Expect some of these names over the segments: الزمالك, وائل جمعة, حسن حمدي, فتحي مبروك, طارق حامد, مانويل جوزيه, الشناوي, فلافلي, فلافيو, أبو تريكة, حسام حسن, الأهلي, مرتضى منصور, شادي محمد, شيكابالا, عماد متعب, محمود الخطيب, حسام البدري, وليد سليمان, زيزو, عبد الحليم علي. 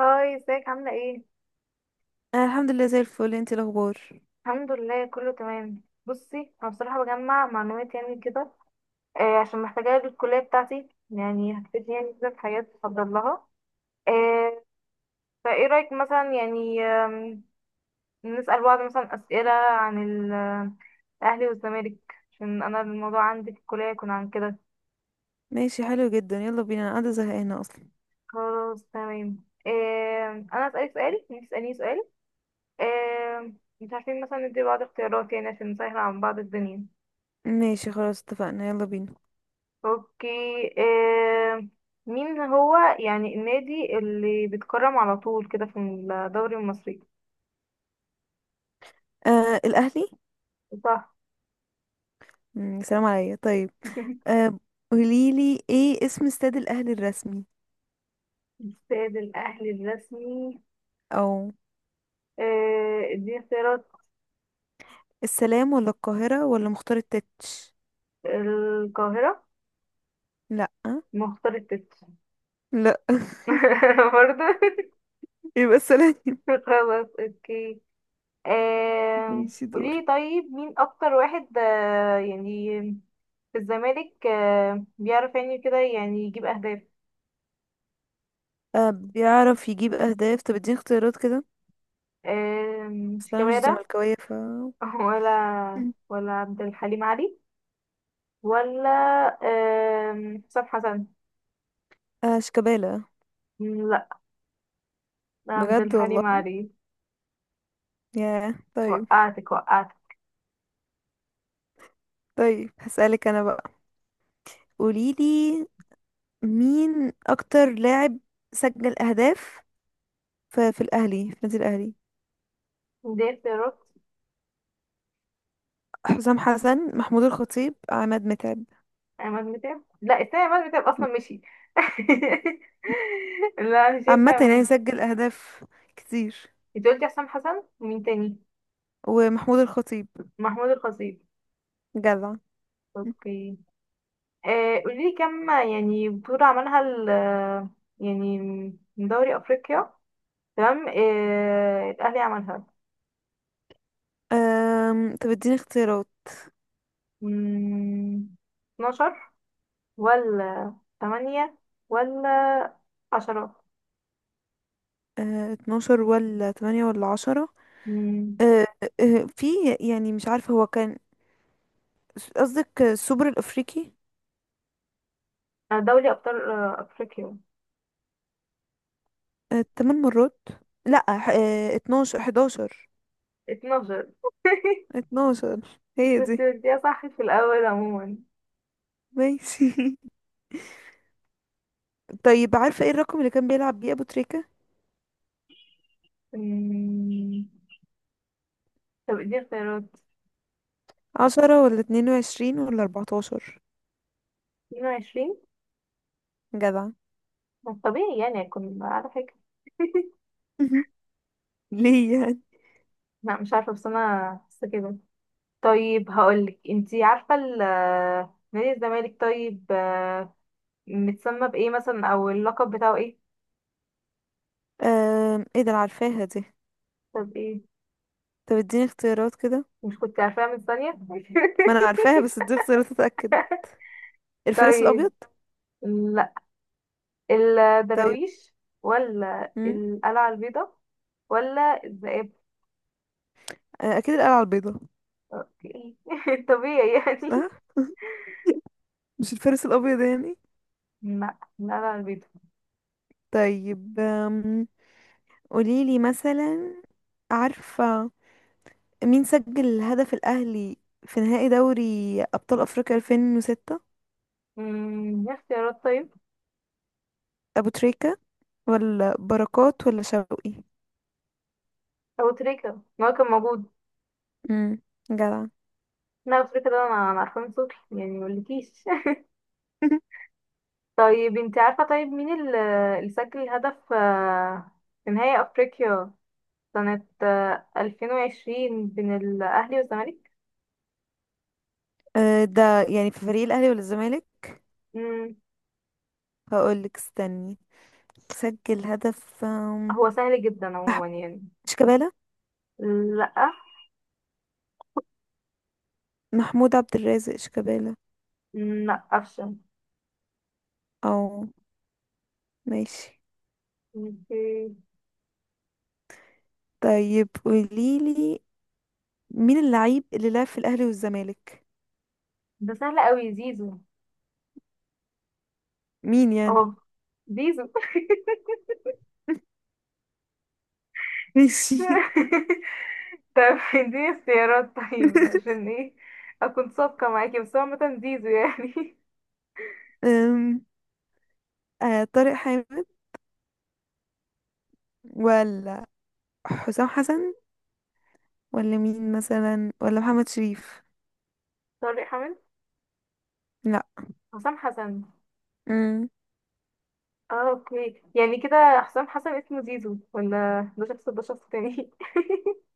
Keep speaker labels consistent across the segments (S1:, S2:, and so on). S1: هاي، ازيك عاملة ايه؟
S2: انا الحمد لله زي الفل. انتي الاخبار؟
S1: الحمد لله، كله تمام. بصي، انا بصراحة بجمع معلومات يعني كده. عشان محتاجاها للكلية بتاعتي، يعني هتفيدني يعني كده، في حاجات بفضل لها. آه فايه رأيك مثلا يعني، نسأل بعض مثلا أسئلة عن ال- الأهلي والزمالك، عشان أنا الموضوع عندي في الكلية يكون عن كده.
S2: ماشي، حلو جدا، يلا بينا، انا قاعده زهقانه اصلا.
S1: خلاص، تمام. أنا أسألك سؤال، انتي تسأليني سؤال. مش عارفين مثلا ندي بعض اختيارات يعني عشان نسهل عن بعض الدنيا.
S2: ماشي خلاص، اتفقنا، يلا بينا.
S1: اوكي. آه. مين هو يعني النادي اللي بيتكرم على طول كده في الدوري المصري؟
S2: آه، الاهلي.
S1: صح.
S2: سلام عليا. طيب، آه، قوليلي ايه اسم استاد الاهلي الرسمي؟
S1: استاد الاهلي الرسمي.
S2: او،
S1: دي اختيارات.
S2: السلام ولا القاهره ولا مختار التتش؟
S1: القاهرة.
S2: لا.
S1: مختار التت.
S2: لا.
S1: برضه.
S2: يبقى السلام.
S1: خلاص، اوكي.
S2: ماشي، دوري.
S1: قولي طيب، مين اكتر واحد يعني في الزمالك بيعرف يعني كده يعني يجيب اهداف؟
S2: آه، بيعرف يجيب اهداف. طب اديني اختيارات كده. بس انا مش
S1: شيكابالا.
S2: زملكاويه ف...
S1: ولا عبد الحليم علي. ولا حسام حسن.
S2: آه، شيكابالا.
S1: لا، عبد
S2: بجد
S1: الحليم
S2: والله.
S1: علي.
S2: ياه، طيب.
S1: وقعتك وقعتك.
S2: طيب، هسألك انا بقى. قوليلي، مين اكتر لاعب سجل اهداف في الاهلي، في النادي الاهلي؟
S1: دي اختيارات.
S2: حسام حسن، محمود الخطيب، عماد متعب.
S1: عماد متعب. لا، التاني عماد متعب اصلا مشي. لا، مش ينفع
S2: عامة يعني
S1: عماد.
S2: سجل اهداف كتير.
S1: انت قلتي حسام حسن ومين تاني؟
S2: ومحمود الخطيب.
S1: محمود الخطيب.
S2: جدع.
S1: اوكي. قولي لي كم يعني بطولة عملها ال، يعني من دوري افريقيا، تمام، الاهلي عملها؟
S2: طب اديني اختيارات.
S1: مم، 12 ولا تمانية ولا 10؟
S2: آه، 12 ولا 8 ولا 10؟
S1: مم.
S2: آه، في يعني مش عارفة هو كان قصدك السوبر الأفريقي.
S1: أنا دولي أبطال أفريقيا.
S2: آه، 8 مرات. لا، آه، 12 11.
S1: 12.
S2: 12، هي دي.
S1: كنت بديها صح في الأول عموما.
S2: ماشي. طيب، عارفة ايه الرقم اللي كان بيلعب بيه أبو تريكة؟
S1: مم. طب اديني اختيارات.
S2: 10 ولا 22 ولا 14؟
S1: 22.
S2: جدع.
S1: ما طبيعي يعني أكون على فكرة.
S2: ليه يعني؟
S1: لا، مش عارفة، بس أنا بس كده. طيب، هقولك انتي عارفة نادي الزمالك طيب، متسمى بإيه مثلا أو اللقب بتاعه إيه؟
S2: ايه ده، انا عارفاها دي.
S1: طب إيه؟
S2: طب اديني اختيارات كده.
S1: مش كنت عارفاها من ثانية؟
S2: ما انا عارفاها، بس اديني اختيارات اتأكد. الفارس
S1: طيب،
S2: الأبيض؟
S1: لا،
S2: طيب.
S1: الدراويش ولا
S2: مم.
S1: القلعة البيضاء ولا الذئاب؟
S2: آه، اكيد القلعة البيضاء.
S1: اوكي. طبيعي يعني.
S2: صح. مش الفارس الابيض يعني.
S1: لا، القلعة البيضاء.
S2: طيب، قوليلي مثلا، عارفة مين سجل الهدف الاهلي في نهائي دوري ابطال افريقيا 2006؟
S1: ايه اختيارات طيب؟
S2: ابو تريكة ولا بركات ولا شوقي؟
S1: أبو تريكة، ما هو كان موجود.
S2: امم جدع.
S1: لا، أبو تريكة ده أنا عارفاه من صوتي يعني مقولكيش. طيب، انت عارفة طيب مين اللي سجل هدف في نهائي أفريقيا سنة 2020 بين الأهلي والزمالك؟
S2: أه، ده يعني في فريق الاهلي ولا الزمالك؟
S1: مم،
S2: هقولك، استني. سجل هدف.
S1: هو سهل جدا
S2: أح-
S1: عموما يعني.
S2: شيكابالا.
S1: لأ.
S2: محمود عبد الرازق شيكابالا.
S1: لا، افشل.
S2: او، ماشي.
S1: اوكي.
S2: طيب، قوليلي مين اللعيب اللي لعب في الأهلي والزمالك؟
S1: ده سهل قوي، زيزو.
S2: مين يعني؟
S1: اه زيزو.
S2: ماشي.
S1: طب اديني اختيارات طيب، عشان ايه اكون صادقة معاكي، بس هو عامة زيزو يعني.
S2: أم، آه، طارق حامد ولا حسام حسن ولا مين مثلا، ولا محمد شريف؟
S1: طارق حامد.
S2: لا.
S1: حسام حسن.
S2: أم،
S1: اه اوكي، يعني كده حسام حسن اسمه زيزو، ولا ده شخص تاني؟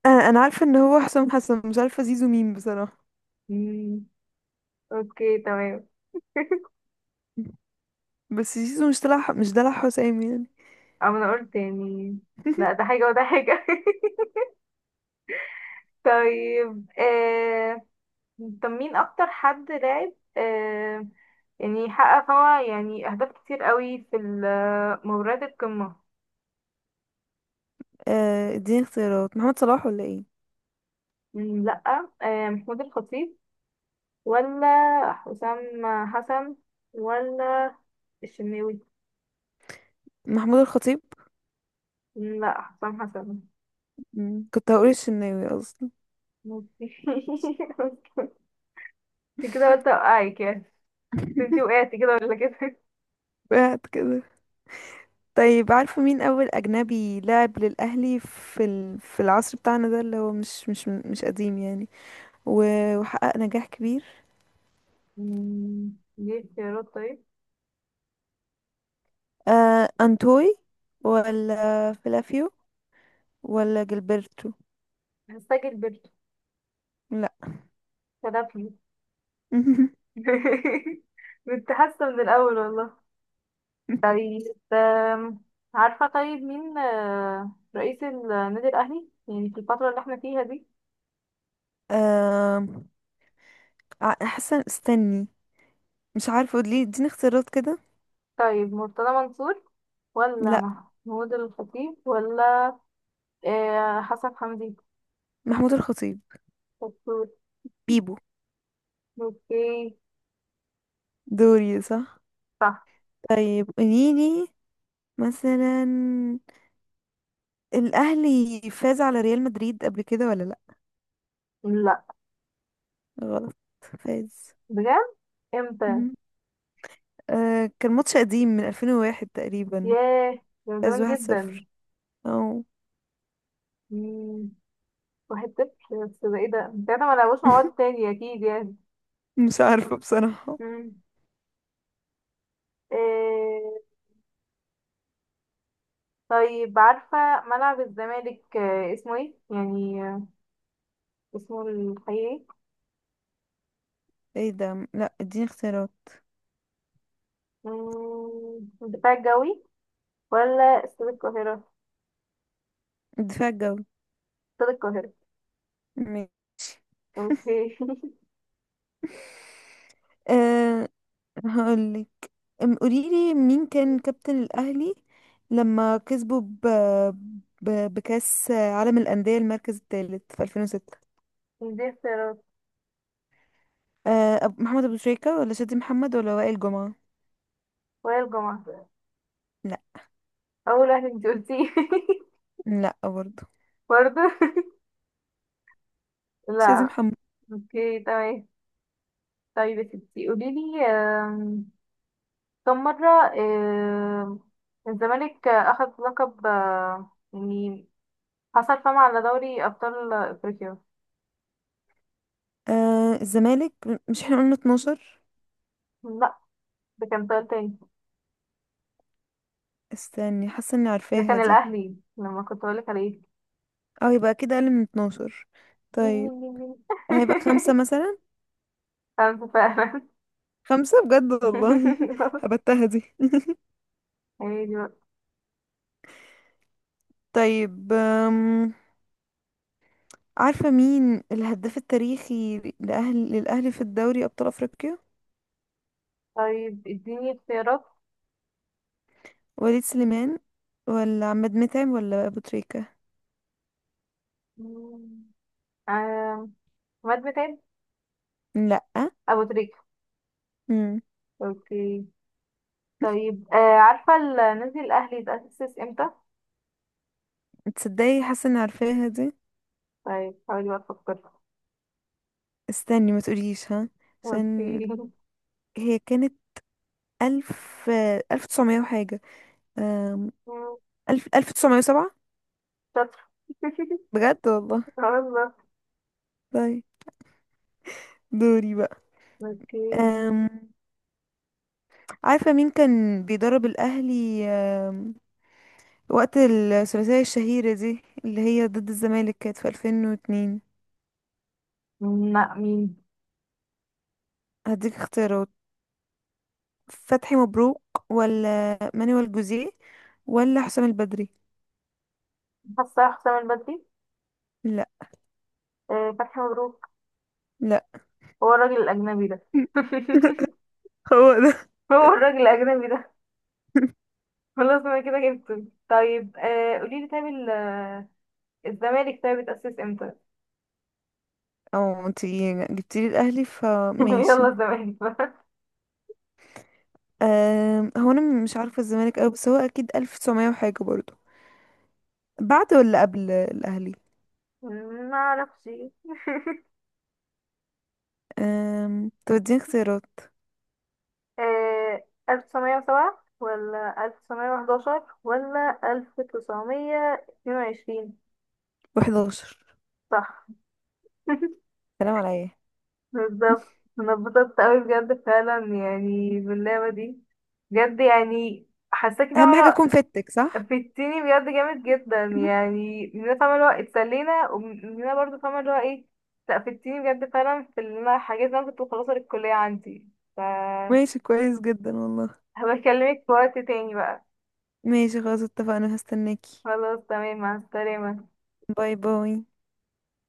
S2: آه، انا عارفه ان هو حسام حسن، مش عارفه زيزو مين بصراحه.
S1: مم، اوكي، تمام.
S2: بس زيزو مش طلع مش دلع حسام يعني.
S1: أو انا قلت يعني. لا، ده حاجة وده حاجة. طيب، طب مين اكتر حد لعب، يعني حقق هو يعني اهداف كتير قوي في مباريات القمة؟
S2: آه، اديني اختيارات. محمد صلاح ولا ايه؟
S1: لا. محمود الخطيب، ولا حسام حسن، ولا الشناوي؟
S2: محمود الخطيب.
S1: لا، حسام حسن.
S2: مم. كنت هقول الشناوي اصلا.
S1: ماشي. انت كده قلت اوقعك يعني، بس انت وقعتي كده ولا كده.
S2: بعد كده. طيب، عارفة مين أول أجنبي لعب للأهلي في العصر بتاعنا ده، اللي هو مش قديم يعني، وحقق نجاح كبير؟
S1: ليه اختيارات طيب؟
S2: آه، أنتوي ولا فلافيو ولا جilberto؟
S1: هستعجل برضه.
S2: لا.
S1: فلافلي. كنت حاسة من الأول والله. طيب، آم، عارفة طيب مين رئيس النادي الأهلي يعني في الفترة اللي احنا فيها دي؟
S2: آه... حسن، استني. مش عارفة، ليه اديني اختيارات كده؟
S1: طيب، مرتضى منصور ولا
S2: لا،
S1: محمود الخطيب ولا حسن حمدي؟
S2: محمود الخطيب.
S1: شطور.
S2: بيبو.
S1: اوكي.
S2: دوري، صح.
S1: صح.
S2: طيب، قوليلي مثلا، الأهلي فاز على ريال مدريد قبل كده ولا لأ؟
S1: لا.
S2: غلط. فاز.
S1: بجد؟ امتى؟
S2: مهم. آه، كان ماتش قديم من 2001 تقريبا.
S1: ياه، ده من
S2: فاز
S1: زمان جدا.
S2: 1-0. او.
S1: مم، 1-0؟ بس ده ايه، ده انت ما لعبوش مع بعض تاني اكيد يعني.
S2: مش عارفة بصراحة.
S1: مم. آه، طيب، عارفة ملعب الزمالك اسمه ايه يعني، اسمه الحقيقي؟
S2: ايه ده؟ لا، اديني اختيارات.
S1: الدفاع الجوي ولا استاد القاهرة؟
S2: الدفاع الجوي.
S1: استاد القاهرة.
S2: ماشي.
S1: اوكي.
S2: أه، هقولك. قوليلي مين كان كابتن الأهلي لما كسبوا بكأس عالم الأندية المركز الثالث في 2006؟
S1: دي اختيارات.
S2: محمد أبو شريكة ولا شادي محمد ولا وائل جمعة؟
S1: وهي الجمعة.
S2: لا.
S1: أول واحد انتي قلتيه.
S2: لا برضه.
S1: برضه.
S2: شادي
S1: لا.
S2: محمد.
S1: اوكي، تمام. طيب يا ستي قوليلي، كم مرة، آم، الزمالك أخذ لقب، يعني حصل فم على دوري أبطال أفريقيا؟
S2: آه، الزمالك، مش احنا قلنا 12؟
S1: لا، ده كان سؤال تاني.
S2: استني، حاسة اني
S1: ده
S2: عارفاها
S1: كان
S2: دي.
S1: الأهلي لما كنت بقولك عليه.
S2: اه، يبقى اكيد اقل من 12.
S1: مين
S2: طيب،
S1: مين مين مين.
S2: هيبقى خمسة مثلا.
S1: خمسة فعلا.
S2: خمسة، بجد والله. هبتها دي.
S1: عادي بقى.
S2: طيب، عارفة مين الهداف التاريخي للأهلي في الدوري أبطال أفريقيا؟
S1: طيب، اديني اختيارات.
S2: وليد سليمان ولا عماد متعب ولا أبو تريكة؟
S1: مم. آم، عماد متعب.
S2: لأ.
S1: أبو تريكة.
S2: مم.
S1: اوكي. طيب، عارفة نادي الأهلي اتأسس امتى؟
S2: تصدقي حاسة اني عارفاها دي.
S1: طيب حاولي بقى تفكري.
S2: استني ما تقوليش، ها، عشان
S1: اوكي.
S2: هي كانت ألف تسعمية وحاجة. أم...
S1: مم،
S2: ألف تسعمية وسبعة.
S1: شاطرة.
S2: بجد والله.
S1: والله.
S2: طيب، دوري بقى.
S1: اوكي.
S2: أم... عارفة مين كان بيدرب الأهلي وقت الثلاثية الشهيرة دي اللي هي ضد الزمالك، كانت في 2002؟
S1: لا، مين؟
S2: هديك اختيارات. فتحي مبروك ولا مانويل جوزيه ولا حسام البدري؟
S1: حاسة حسام البدري.
S2: لا.
S1: فتحي مبروك.
S2: لا.
S1: هو الراجل الأجنبي ده.
S2: هو ده.
S1: هو الراجل الأجنبي ده. خلاص، أنا كده جبته. طيب، قوليلي طيب، الزمالك طيب اتأسس امتى؟
S2: اه، انتي جبتيلي الأهلي
S1: يلا،
S2: فماشي.
S1: الزمالك بقى.
S2: هو أنا مش عارفة الزمالك أوي، بس هو أكيد ألف تسعمية وحاجة برضه، بعد ولا قبل الأهلي؟
S1: ما اعرفش.
S2: توديني اختيارات.
S1: آه، 1907 ولا 1911 ولا 1922؟
S2: و11.
S1: صح.
S2: سلام على ايه.
S1: بالظبط، انا اتبسطت قوي بجد فعلا يعني باللعبة دي، بجد يعني حاساكي
S2: أهم حاجة
S1: فاهمة.
S2: أكون فيتك صح.
S1: فدتيني بجد جامد جدا، يعني مننا فاهمة اللي هو اتسلينا، ومننا برضه فاهمة اللي هو ايه. لا، فدتيني بجد فعلا في اللي انا حاجات اللي انا كنت مخلصة للكلية عندي، ف
S2: ماشي كويس جدا والله.
S1: هبكلمك في وقت تاني بقى.
S2: ماشي خلاص، اتفقنا، هستناكي.
S1: خلاص، تمام. مع السلامة.
S2: باي باي.